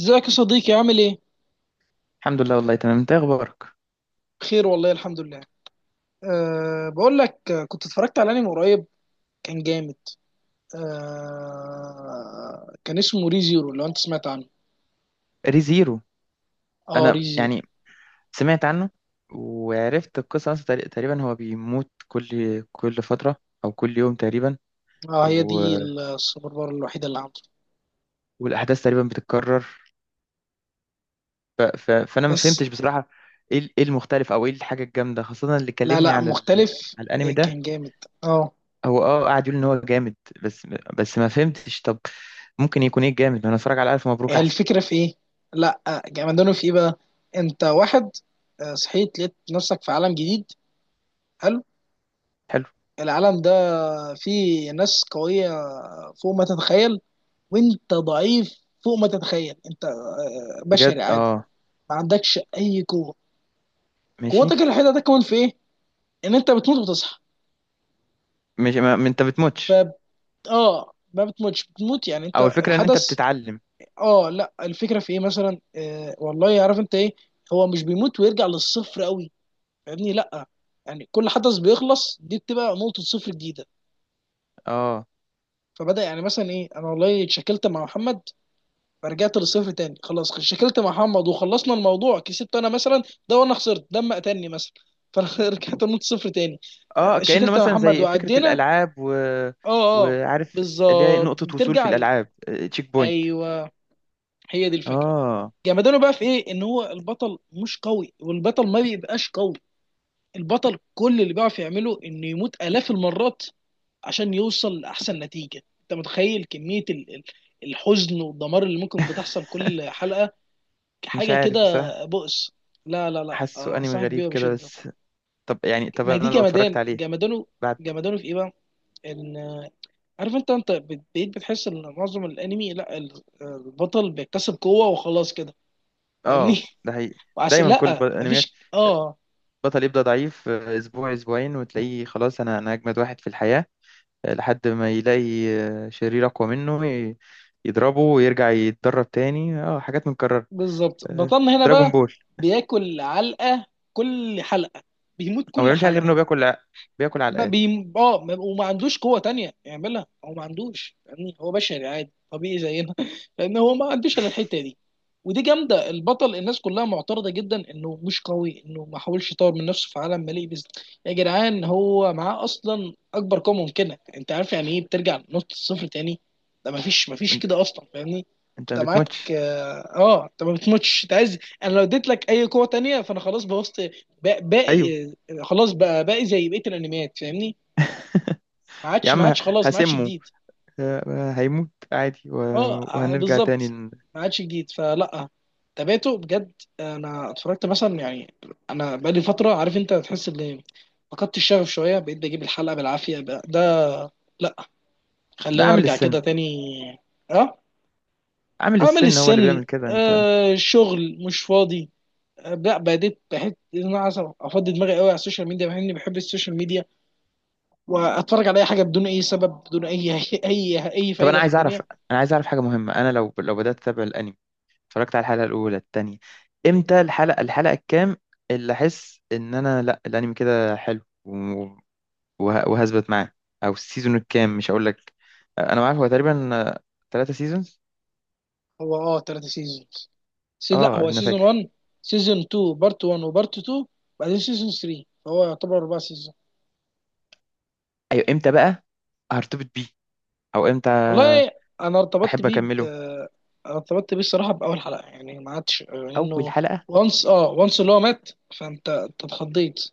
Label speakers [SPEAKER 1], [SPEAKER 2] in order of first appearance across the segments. [SPEAKER 1] ازيك يا صديقي عامل ايه؟
[SPEAKER 2] الحمد لله والله تمام. انت ايه اخبارك؟
[SPEAKER 1] بخير والله الحمد لله. بقول لك، كنت اتفرجت على انمي قريب كان جامد. كان اسمه ري زيرو لو انت سمعت عنه.
[SPEAKER 2] ريزيرو.
[SPEAKER 1] اه
[SPEAKER 2] انا
[SPEAKER 1] ري زيرو.
[SPEAKER 2] سمعت عنه وعرفت القصه اصلا تقريبا هو بيموت كل فتره، او كل يوم تقريبا.
[SPEAKER 1] اه هي
[SPEAKER 2] و...
[SPEAKER 1] دي السوبر باور الوحيده اللي عنده.
[SPEAKER 2] والاحداث تقريبا بتتكرر. ف... ف... فانا ما
[SPEAKER 1] بس
[SPEAKER 2] فهمتش بصراحه ايه المختلف، او ايه الحاجه الجامده خاصه اللي
[SPEAKER 1] لا
[SPEAKER 2] كلمني
[SPEAKER 1] لا مختلف
[SPEAKER 2] على الانمي
[SPEAKER 1] إيه
[SPEAKER 2] ده.
[SPEAKER 1] كان جامد. اه
[SPEAKER 2] هو قاعد يقول ان هو جامد، بس ما فهمتش. طب ممكن يكون ايه الجامد؟ ما انا اتفرج على الف مبروك
[SPEAKER 1] هي
[SPEAKER 2] احسن.
[SPEAKER 1] الفكره في ايه؟ لا، جامدانه في ايه بقى؟ انت واحد، صحيت لقيت نفسك في عالم جديد، حلو.
[SPEAKER 2] حلو.
[SPEAKER 1] العالم ده فيه ناس قوية فوق ما تتخيل، وانت ضعيف فوق ما تتخيل، انت
[SPEAKER 2] بجد
[SPEAKER 1] بشري عادي،
[SPEAKER 2] اه.
[SPEAKER 1] ما عندكش اي قوه.
[SPEAKER 2] ماشي.
[SPEAKER 1] قوتك الوحيده ده كمان في ايه؟ ان انت بتموت وبتصحى.
[SPEAKER 2] ماشي. ما انت
[SPEAKER 1] ف
[SPEAKER 2] بتموتش،
[SPEAKER 1] اه ما بتموتش، بتموت يعني
[SPEAKER 2] او
[SPEAKER 1] انت
[SPEAKER 2] الفكره ان انت
[SPEAKER 1] الحدث.
[SPEAKER 2] بتتعلم.
[SPEAKER 1] اه لا الفكره في ايه مثلا، والله عارف انت ايه، هو مش بيموت ويرجع للصفر قوي، فاهمني؟ لا يعني كل حدث بيخلص دي بتبقى نقطه صفر جديده.
[SPEAKER 2] اه.
[SPEAKER 1] فبدا يعني مثلا ايه، انا والله اتشكلت مع محمد فرجعت للصفر تاني. خلاص شكلت مع محمد وخلصنا الموضوع، كسبت انا مثلا ده وانا خسرت دم قتلني مثلا، فانا رجعت نقطة صفر تاني.
[SPEAKER 2] اه، كأنه
[SPEAKER 1] شكلت مع
[SPEAKER 2] مثلا
[SPEAKER 1] محمد
[SPEAKER 2] زي فكرة
[SPEAKER 1] وعدينا.
[SPEAKER 2] الألعاب
[SPEAKER 1] اه اه
[SPEAKER 2] وعارف، اللي هي
[SPEAKER 1] بالظبط،
[SPEAKER 2] نقطة وصول في
[SPEAKER 1] بترجع ل-
[SPEAKER 2] الألعاب، تشيك بوينت.
[SPEAKER 1] ايوه هي دي الفكره.
[SPEAKER 2] اه.
[SPEAKER 1] جمدانه بقى في ايه؟ ان هو البطل مش قوي، والبطل ما بيبقاش قوي. البطل كل اللي بيعرف يعمله انه يموت الاف المرات عشان يوصل لاحسن نتيجه. انت متخيل كميه الحزن والدمار اللي ممكن بتحصل كل حلقه؟
[SPEAKER 2] مش
[SPEAKER 1] حاجه
[SPEAKER 2] عارف
[SPEAKER 1] كده،
[SPEAKER 2] بصراحة.
[SPEAKER 1] بؤس. لا لا لا،
[SPEAKER 2] حاسه انمي
[SPEAKER 1] انصحك
[SPEAKER 2] غريب
[SPEAKER 1] بيها
[SPEAKER 2] كده
[SPEAKER 1] بشده.
[SPEAKER 2] بس. طب
[SPEAKER 1] ما هي دي
[SPEAKER 2] انا لو اتفرجت عليه
[SPEAKER 1] جمدانه.
[SPEAKER 2] بعد.
[SPEAKER 1] جمدانه في ايه بقى؟ ان عارف انت، بقيت بتحس ان معظم الانمي لا البطل بيكتسب قوه وخلاص كده، فاهمني؟
[SPEAKER 2] اه ده حقيقي،
[SPEAKER 1] وعشان
[SPEAKER 2] دايما
[SPEAKER 1] لا
[SPEAKER 2] انميات،
[SPEAKER 1] مفيش اه
[SPEAKER 2] بطل يبدأ ضعيف، اسبوع اسبوعين وتلاقيه خلاص انا اجمد واحد في الحياة، لحد ما يلاقي شرير اقوى منه، يضربه ويرجع يتدرب تاني. اه حاجات متكررة.
[SPEAKER 1] بالظبط. بطلنا هنا
[SPEAKER 2] دراجون
[SPEAKER 1] بقى
[SPEAKER 2] بول.
[SPEAKER 1] بياكل علقه كل حلقه، بيموت
[SPEAKER 2] هو ما
[SPEAKER 1] كل
[SPEAKER 2] بيعملش حاجة غير
[SPEAKER 1] حلقه.
[SPEAKER 2] انه بياكل
[SPEAKER 1] ما
[SPEAKER 2] علقات.
[SPEAKER 1] بي... اه ما- وما عندوش قوة تانية يعملها. هو ما عندوش، يعني هو بشري عادي طبيعي زينا لأن هو ما عندوش إلا الحتة دي. ودي جامدة، البطل الناس كلها معترضة جدا إنه مش قوي، إنه ما حاولش يطور من نفسه في عالم مليء بز، يا جدعان هو معاه أصلا أكبر قوة ممكنة. أنت عارف يعني إيه بترجع لنقطة الصفر تاني؟ ده ما فيش ما فيش
[SPEAKER 2] انت
[SPEAKER 1] كده أصلا، فاهمني؟
[SPEAKER 2] انت
[SPEAKER 1] أنت
[SPEAKER 2] ما
[SPEAKER 1] معاك،
[SPEAKER 2] بتموتش.
[SPEAKER 1] أنت ما بتموتش، أنت عايز. أنا لو اديت لك أي قوة تانية فأنا خلاص بوظت
[SPEAKER 2] ايوه.
[SPEAKER 1] باقي خلاص بقى بقى زي بقيه الانميات، فاهمني؟ ما
[SPEAKER 2] يا
[SPEAKER 1] عادش ما
[SPEAKER 2] عم
[SPEAKER 1] عادش، خلاص ما عادش
[SPEAKER 2] هسمه،
[SPEAKER 1] جديد.
[SPEAKER 2] هيموت عادي
[SPEAKER 1] اه
[SPEAKER 2] وهنرجع تاني
[SPEAKER 1] بالظبط، ما عادش جديد فلا. تابعته بجد، انا اتفرجت مثلا يعني، انا بقالي فتره عارف انت، تحس ان فقدت الشغف شويه، بقيت بجيب الحلقه بالعافيه بقى ده. لا،
[SPEAKER 2] لا،
[SPEAKER 1] خلينا
[SPEAKER 2] اعمل
[SPEAKER 1] ارجع
[SPEAKER 2] السن.
[SPEAKER 1] كده تاني. اه
[SPEAKER 2] عامل
[SPEAKER 1] عمل
[SPEAKER 2] السن هو اللي
[SPEAKER 1] السن.
[SPEAKER 2] بيعمل كده. انت
[SPEAKER 1] شغل مش فاضي. لا بديت بحس ان انا عايز افضي دماغي قوي على السوشيال ميديا، مع اني بحب السوشيال ميديا، واتفرج على اي حاجه بدون اي سبب بدون اي اي
[SPEAKER 2] طب انا
[SPEAKER 1] فايده في
[SPEAKER 2] عايز
[SPEAKER 1] الدنيا.
[SPEAKER 2] اعرف، انا عايز اعرف حاجة مهمة. انا لو بدأت اتابع الانمي، اتفرجت على الحلقة الاولى التانية، امتى الحلقة الكام اللي احس ان انا لا، الانمي كده حلو وهثبت معاه؟ او السيزون الكام؟ مش هقول لك، انا عارف هو تقريبا 3 سيزونز.
[SPEAKER 1] هو اه ثلاثة سيزونز. لا
[SPEAKER 2] اه
[SPEAKER 1] هو
[SPEAKER 2] انا
[SPEAKER 1] سيزون
[SPEAKER 2] فاكر.
[SPEAKER 1] 1، سيزون 2 بارت 1 وبارت 2، بعدين سيزون 3، فهو يعتبر اربع سيزون.
[SPEAKER 2] ايوه امتى بقى هرتبط بيه؟ او امتى
[SPEAKER 1] والله انا ارتبطت
[SPEAKER 2] احب
[SPEAKER 1] بيه ب...
[SPEAKER 2] اكمله؟
[SPEAKER 1] أنا ارتبطت بيه الصراحه باول حلقه، يعني ما عادش
[SPEAKER 2] اول
[SPEAKER 1] انه.
[SPEAKER 2] حلقة.
[SPEAKER 1] وانس، وانس اللي هو مات، فانت اتخضيت،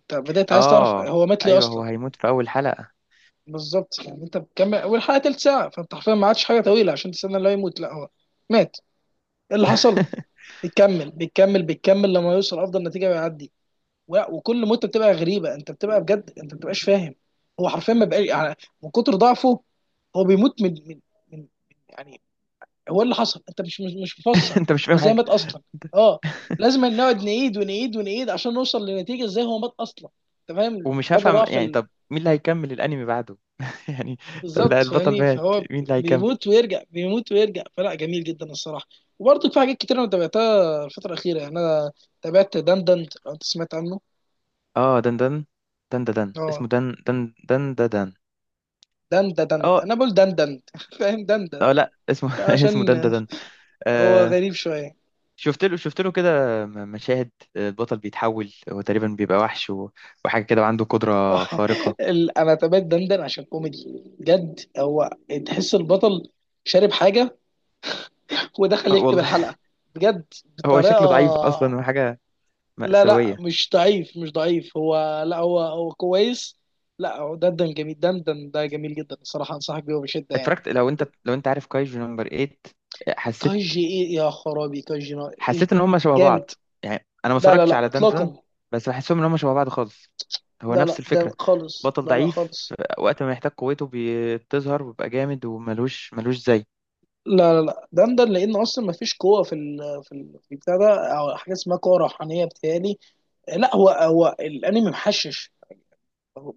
[SPEAKER 1] انت بدات عايز تعرف
[SPEAKER 2] اه
[SPEAKER 1] هو مات ليه
[SPEAKER 2] ايوه
[SPEAKER 1] اصلا.
[SPEAKER 2] هو هيموت في اول حلقة.
[SPEAKER 1] بالظبط، يعني انت بتكمل والحلقه تلت ساعه، فانت حرفيا ما عادش حاجه طويله عشان تستنى اللي هو يموت. لا هو مات، إيه اللي حصل؟ بيكمل بيكمل بيكمل لما يوصل افضل نتيجه ويعدي. وكل مده بتبقى غريبه، انت بتبقى بجد انت ما بتبقاش فاهم هو حرفيا ما بقاش، يعني من كتر ضعفه هو بيموت من يعني هو إيه اللي حصل، انت مش مفسر
[SPEAKER 2] انت مش
[SPEAKER 1] هو
[SPEAKER 2] فاهم
[SPEAKER 1] ازاي
[SPEAKER 2] حاجة.
[SPEAKER 1] مات اصلا. اه لازم نقعد نعيد ونعيد ونعيد عشان نوصل لنتيجه ازاي هو مات اصلا. انت فاهم
[SPEAKER 2] ومش
[SPEAKER 1] مدى
[SPEAKER 2] هفهم
[SPEAKER 1] ضعف.
[SPEAKER 2] يعني. طب مين اللي هيكمل الانمي بعده يعني؟ طب لا،
[SPEAKER 1] بالظبط،
[SPEAKER 2] البطل
[SPEAKER 1] فاهمني؟
[SPEAKER 2] مات،
[SPEAKER 1] فهو
[SPEAKER 2] مين اللي هيكمل؟
[SPEAKER 1] بيموت ويرجع، بيموت ويرجع، فلا جميل جدا الصراحه. وبرضه في حاجات كتير انا تابعتها الفتره الاخيره، يعني انا تابعت دندند لو انت سمعت عنه.
[SPEAKER 2] اه دن دن
[SPEAKER 1] اه
[SPEAKER 2] اسمه دن دن. دن
[SPEAKER 1] دندند،
[SPEAKER 2] اه.
[SPEAKER 1] انا بقول دندند فاهم دندند
[SPEAKER 2] اه لا اسمه،
[SPEAKER 1] عشان
[SPEAKER 2] اسمه دن دن دن.
[SPEAKER 1] هو
[SPEAKER 2] آه.
[SPEAKER 1] غريب شويه.
[SPEAKER 2] شفت له كده، مشاهد، آه، البطل بيتحول، هو تقريبا بيبقى وحش وحاجة كده، وعنده قدرة خارقة.
[SPEAKER 1] انا تابعت دندن عشان كوميدي بجد. هو تحس البطل شارب حاجه ودخل يكتب
[SPEAKER 2] والله
[SPEAKER 1] الحلقه، بجد
[SPEAKER 2] هو
[SPEAKER 1] بطريقه.
[SPEAKER 2] شكله ضعيف اصلا، وحاجه
[SPEAKER 1] لا لا
[SPEAKER 2] مأساوية.
[SPEAKER 1] مش ضعيف مش ضعيف، هو لا هو هو كويس. لا هو دندن جميل، دندن ده جميل جدا الصراحة، أنصحك بيه بشدة يعني.
[SPEAKER 2] اتفرجت، لو انت عارف كايجو نمبر 8؟ حسيت،
[SPEAKER 1] كاجي إيه يا خرابي، إيش.
[SPEAKER 2] حسيت ان هم شبه
[SPEAKER 1] جامد.
[SPEAKER 2] بعض. يعني انا ما
[SPEAKER 1] لا لا
[SPEAKER 2] اتفرجتش
[SPEAKER 1] لا
[SPEAKER 2] على دندن،
[SPEAKER 1] إطلاقا.
[SPEAKER 2] بس بحسهم ان هم شبه بعض خالص. هو
[SPEAKER 1] لا لا
[SPEAKER 2] نفس
[SPEAKER 1] ده
[SPEAKER 2] الفكرة،
[SPEAKER 1] خالص،
[SPEAKER 2] بطل
[SPEAKER 1] لا لا
[SPEAKER 2] ضعيف،
[SPEAKER 1] خالص.
[SPEAKER 2] وقت ما يحتاج قوته بتظهر، ويبقى جامد، وملوش زي.
[SPEAKER 1] لا لا لا دندن، لأن أصلا ما فيش قوة في في البتاع ده، أو حاجة اسمها قوة روحانية بتهيألي. لا هو هو الأنمي محشش،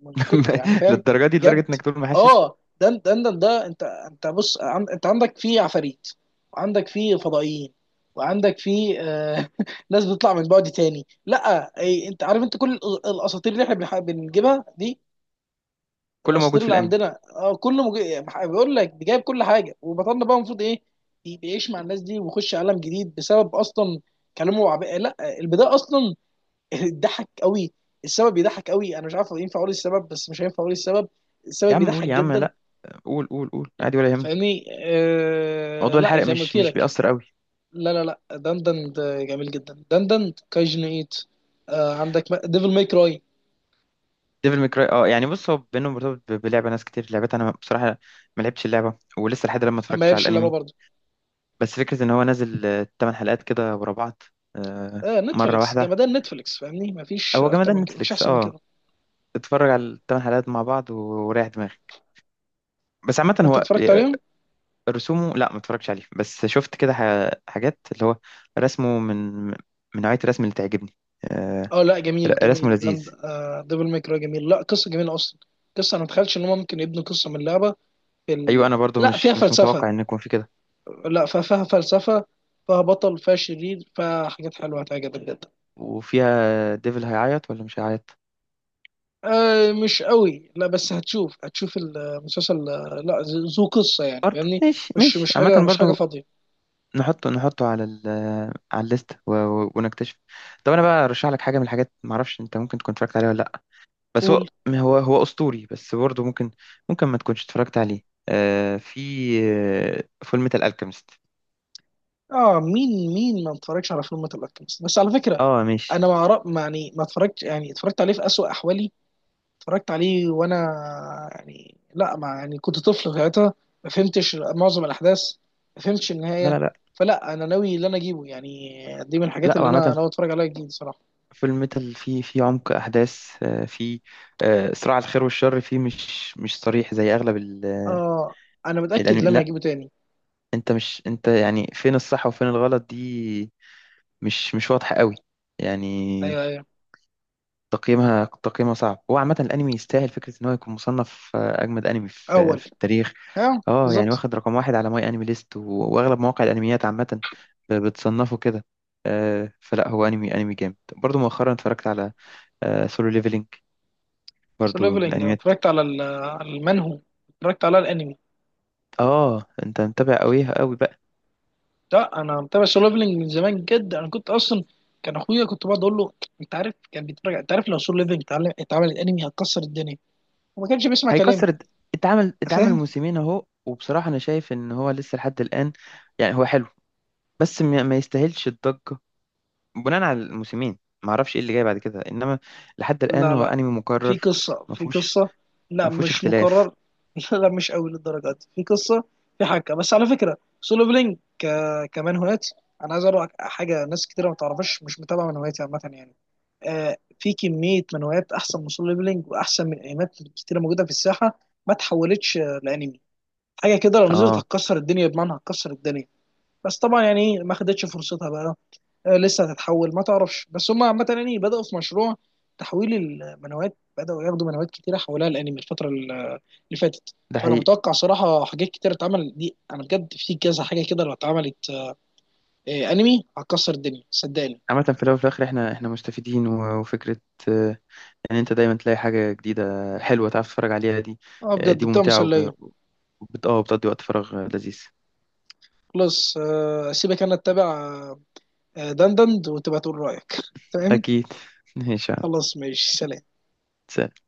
[SPEAKER 1] من كنت، يعني فاهم.
[SPEAKER 2] للدرجة دي؟
[SPEAKER 1] جد،
[SPEAKER 2] لدرجة انك تقول محشش؟
[SPEAKER 1] اه ده انت بص، انت عندك فيه عفاريت، وعندك فيه فضائيين، وعندك فيه، ناس بتطلع من بعد تاني. لا اي، انت عارف انت كل الاساطير اللي احنا بنجيبها دي،
[SPEAKER 2] كله
[SPEAKER 1] الاساطير
[SPEAKER 2] موجود في
[SPEAKER 1] اللي
[SPEAKER 2] الانمي.
[SPEAKER 1] عندنا اه كله مج بيقول لك جايب كل حاجه. وبطلنا بقى المفروض ايه؟ بيعيش مع الناس دي، ويخش عالم جديد بسبب اصلا كلامه وعب لا البدايه اصلا ضحك قوي. السبب بيضحك قوي، انا مش عارف ينفع اقول السبب، بس مش هينفع اقول السبب.
[SPEAKER 2] يا
[SPEAKER 1] السبب
[SPEAKER 2] عم قول،
[SPEAKER 1] بيضحك
[SPEAKER 2] يا عم
[SPEAKER 1] جدا.
[SPEAKER 2] لا، قول قول عادي، ولا يهمك،
[SPEAKER 1] فاهمني،
[SPEAKER 2] موضوع
[SPEAKER 1] لا
[SPEAKER 2] الحرق
[SPEAKER 1] زي ما قلت
[SPEAKER 2] مش
[SPEAKER 1] لك.
[SPEAKER 2] بيأثر.
[SPEAKER 1] لا لا لا دندن ده جميل جدا، دندن كايجن ايت. آه عندك ديفل ماي كراي.
[SPEAKER 2] ديفل ميكراي اه. يعني بص، هو بينهم مرتبط بلعبه ناس كتير لعبتها، انا بصراحه ما لعبتش اللعبه، ولسه لحد الآن ما
[SPEAKER 1] ما
[SPEAKER 2] اتفرجتش على
[SPEAKER 1] يبش اللعبه
[SPEAKER 2] الانمي.
[SPEAKER 1] برضه.
[SPEAKER 2] بس فكره ان هو نازل آه، 8 حلقات كده ورا بعض، آه،
[SPEAKER 1] آه
[SPEAKER 2] مره
[SPEAKER 1] نتفليكس
[SPEAKER 2] واحده.
[SPEAKER 1] جمدان، نتفليكس فاهمني ما فيش
[SPEAKER 2] هو
[SPEAKER 1] اكتر
[SPEAKER 2] جمدان
[SPEAKER 1] من كده، ما فيش
[SPEAKER 2] نتفليكس
[SPEAKER 1] احسن من
[SPEAKER 2] اه.
[SPEAKER 1] كده.
[SPEAKER 2] اتفرج على الـ8 حلقات مع بعض وريح دماغك. بس عامه
[SPEAKER 1] انت
[SPEAKER 2] هو
[SPEAKER 1] اتفرجت
[SPEAKER 2] آه،
[SPEAKER 1] عليهم؟
[SPEAKER 2] رسومه، لا ما اتفرجتش عليه، بس شفت كده حاجات. اللي هو رسمه من نوعيه الرسم اللي تعجبني آه،
[SPEAKER 1] اه لا جميل
[SPEAKER 2] رسمه
[SPEAKER 1] جميل
[SPEAKER 2] لذيذ.
[SPEAKER 1] دند آه ديفل ماي كراي جميل، لا قصه جميله اصلا. قصه انا ما اتخيلش ان هم ممكن يبنوا قصه من لعبه في
[SPEAKER 2] ايوه
[SPEAKER 1] ال...
[SPEAKER 2] انا برضو
[SPEAKER 1] لا فيها
[SPEAKER 2] مش
[SPEAKER 1] فلسفه،
[SPEAKER 2] متوقع ان يكون في كده.
[SPEAKER 1] لا فيها فلسفة، فيها بطل، فيها شرير، فيها حاجات حلوة هتعجبك جدا.
[SPEAKER 2] وفيها ديفل هيعيط ولا مش هيعيط؟
[SPEAKER 1] آه مش قوي، لا بس هتشوف هتشوف المسلسل، لا ذو قصة، يعني
[SPEAKER 2] برضه
[SPEAKER 1] فاهمني.
[SPEAKER 2] ماشي،
[SPEAKER 1] مش
[SPEAKER 2] ماشي
[SPEAKER 1] مش
[SPEAKER 2] عامة
[SPEAKER 1] حاجة، مش حاجة
[SPEAKER 2] برضه،
[SPEAKER 1] فاضية.
[SPEAKER 2] نحطه على ال، على الليست ونكتشف. طب انا بقى ارشح لك حاجة من الحاجات، معرفش انت ممكن تكون اتفرجت عليها ولا لا، بس
[SPEAKER 1] قول.
[SPEAKER 2] هو اسطوري، بس برضه ممكن، ممكن ما تكونش اتفرجت عليه. آه في، آه فول ميتال الكيمست.
[SPEAKER 1] اه مين مين، ما اتفرجش على فيلم الالكيمست بس على فكرة.
[SPEAKER 2] اه ماشي.
[SPEAKER 1] انا ما أعرف- ما يعني ما اتفرجت يعني اتفرجت عليه في أسوأ احوالي، اتفرجت عليه وانا، يعني لا ما يعني كنت طفل ساعتها، ما فهمتش معظم الاحداث، ما فهمتش
[SPEAKER 2] لا
[SPEAKER 1] النهايه. فلا انا ناوي اللي انا اجيبه يعني، دي من الحاجات
[SPEAKER 2] لا،
[SPEAKER 1] اللي انا
[SPEAKER 2] وعامة
[SPEAKER 1] ناوي اتفرج عليها جديد صراحه.
[SPEAKER 2] فيلم ميتال، فيه عمق أحداث، آه، فيه آه، صراع الخير والشر، فيه مش صريح زي أغلب آه،
[SPEAKER 1] اه انا متاكد
[SPEAKER 2] الأنمي،
[SPEAKER 1] ان انا
[SPEAKER 2] لا.
[SPEAKER 1] هجيبه تاني.
[SPEAKER 2] أنت مش أنت يعني فين الصح وفين الغلط دي مش واضحة قوي يعني.
[SPEAKER 1] ايوه ايوه،
[SPEAKER 2] تقييمها صعب. هو عامة الأنمي يستاهل فكرة إن هو يكون مصنف آه، أجمد أنمي في
[SPEAKER 1] اول
[SPEAKER 2] التاريخ.
[SPEAKER 1] اه
[SPEAKER 2] اه يعني
[SPEAKER 1] بالظبط.
[SPEAKER 2] واخد رقم واحد على ماي أنمي ليست، وأغلب مواقع الأنميات عامة بتصنفه كده آه، فلا هو أنمي، أنمي جامد. برضو مؤخرا اتفرجت على سولو ليفلينج،
[SPEAKER 1] سو
[SPEAKER 2] برضو من
[SPEAKER 1] ليفلنج انا
[SPEAKER 2] الأنميات.
[SPEAKER 1] اتفرجت على على المنهو، اتفرجت على الانمي.
[SPEAKER 2] اه أنت متابع قوي قوي بقى.
[SPEAKER 1] لا انا متابع سو ليفلنج من زمان جدا، انا كنت اصلا، كان اخويا كنت بقعد اقول له، انت عارف كان بيتفرج، انت عارف لو سو ليفلنج اتعمل اتعمل انمي هتكسر الدنيا، وما كانش بيسمع كلامي.
[SPEAKER 2] هيكسر الد- اتعمل، اتعمل
[SPEAKER 1] فاهم؟
[SPEAKER 2] موسمين أهو، وبصراحة أنا شايف إن هو لسه لحد الآن، يعني هو حلو، بس ما يستاهلش الضجة بناء على الموسمين. ما اعرفش ايه اللي جاي بعد كده، انما لحد الان
[SPEAKER 1] لا
[SPEAKER 2] هو
[SPEAKER 1] لا،
[SPEAKER 2] انمي
[SPEAKER 1] في
[SPEAKER 2] مكرر،
[SPEAKER 1] قصة
[SPEAKER 2] ما
[SPEAKER 1] في
[SPEAKER 2] فيهوش،
[SPEAKER 1] قصة. لا
[SPEAKER 2] ما فيهوش
[SPEAKER 1] مش
[SPEAKER 2] اختلاف.
[SPEAKER 1] مكرر. لا مش قوي للدرجة دي، في قصة، في حاجة. بس على فكرة سولو بلينك ك... كمان هوايات. أنا عايز أقول لك حاجة، ناس كتيرة ما تعرفش مش متابعة، من هواياتي عامة يعني، آه في كمية من هوايات أحسن من سولو بلينك، وأحسن من أنميات كتيرة موجودة في الساحة، ما تحولتش، لأنمي. حاجة كده لو نزلت
[SPEAKER 2] اه
[SPEAKER 1] هتكسر الدنيا، بمعنى هتكسر الدنيا. بس طبعا يعني ما خدتش فرصتها بقى، لسه هتتحول ما تعرفش. بس هم عامة يعني بدأوا في مشروع تحويل المنوات، بدأوا ياخدوا منوات كتيرة حولها الأنمي الفترة اللي فاتت.
[SPEAKER 2] ده
[SPEAKER 1] فأنا
[SPEAKER 2] حقيقي.
[SPEAKER 1] متوقع صراحة حاجات كتيرة اتعمل دي، أنا بجد في كذا حاجة كده لو اتعملت، أنمي هتكسر الدنيا صدقني.
[SPEAKER 2] عامة في الاول وفي الاخر، احنا مستفيدين، وفكرة آه، ان انت دايما تلاقي حاجة جديدة حلوة تعرف تتفرج عليها دي
[SPEAKER 1] أه
[SPEAKER 2] آه،
[SPEAKER 1] بجد
[SPEAKER 2] دي
[SPEAKER 1] بتبقى
[SPEAKER 2] ممتعة
[SPEAKER 1] مسلية.
[SPEAKER 2] وب- وبت اه بتقضي وقت فراغ آه، لذيذ.
[SPEAKER 1] خلاص، أسيبك أنا أتابع، دندند وتبقى تقول رأيك تمام.
[SPEAKER 2] اكيد. ماشي يا عم.
[SPEAKER 1] خلاص ماشي سلام.
[SPEAKER 2] سلام.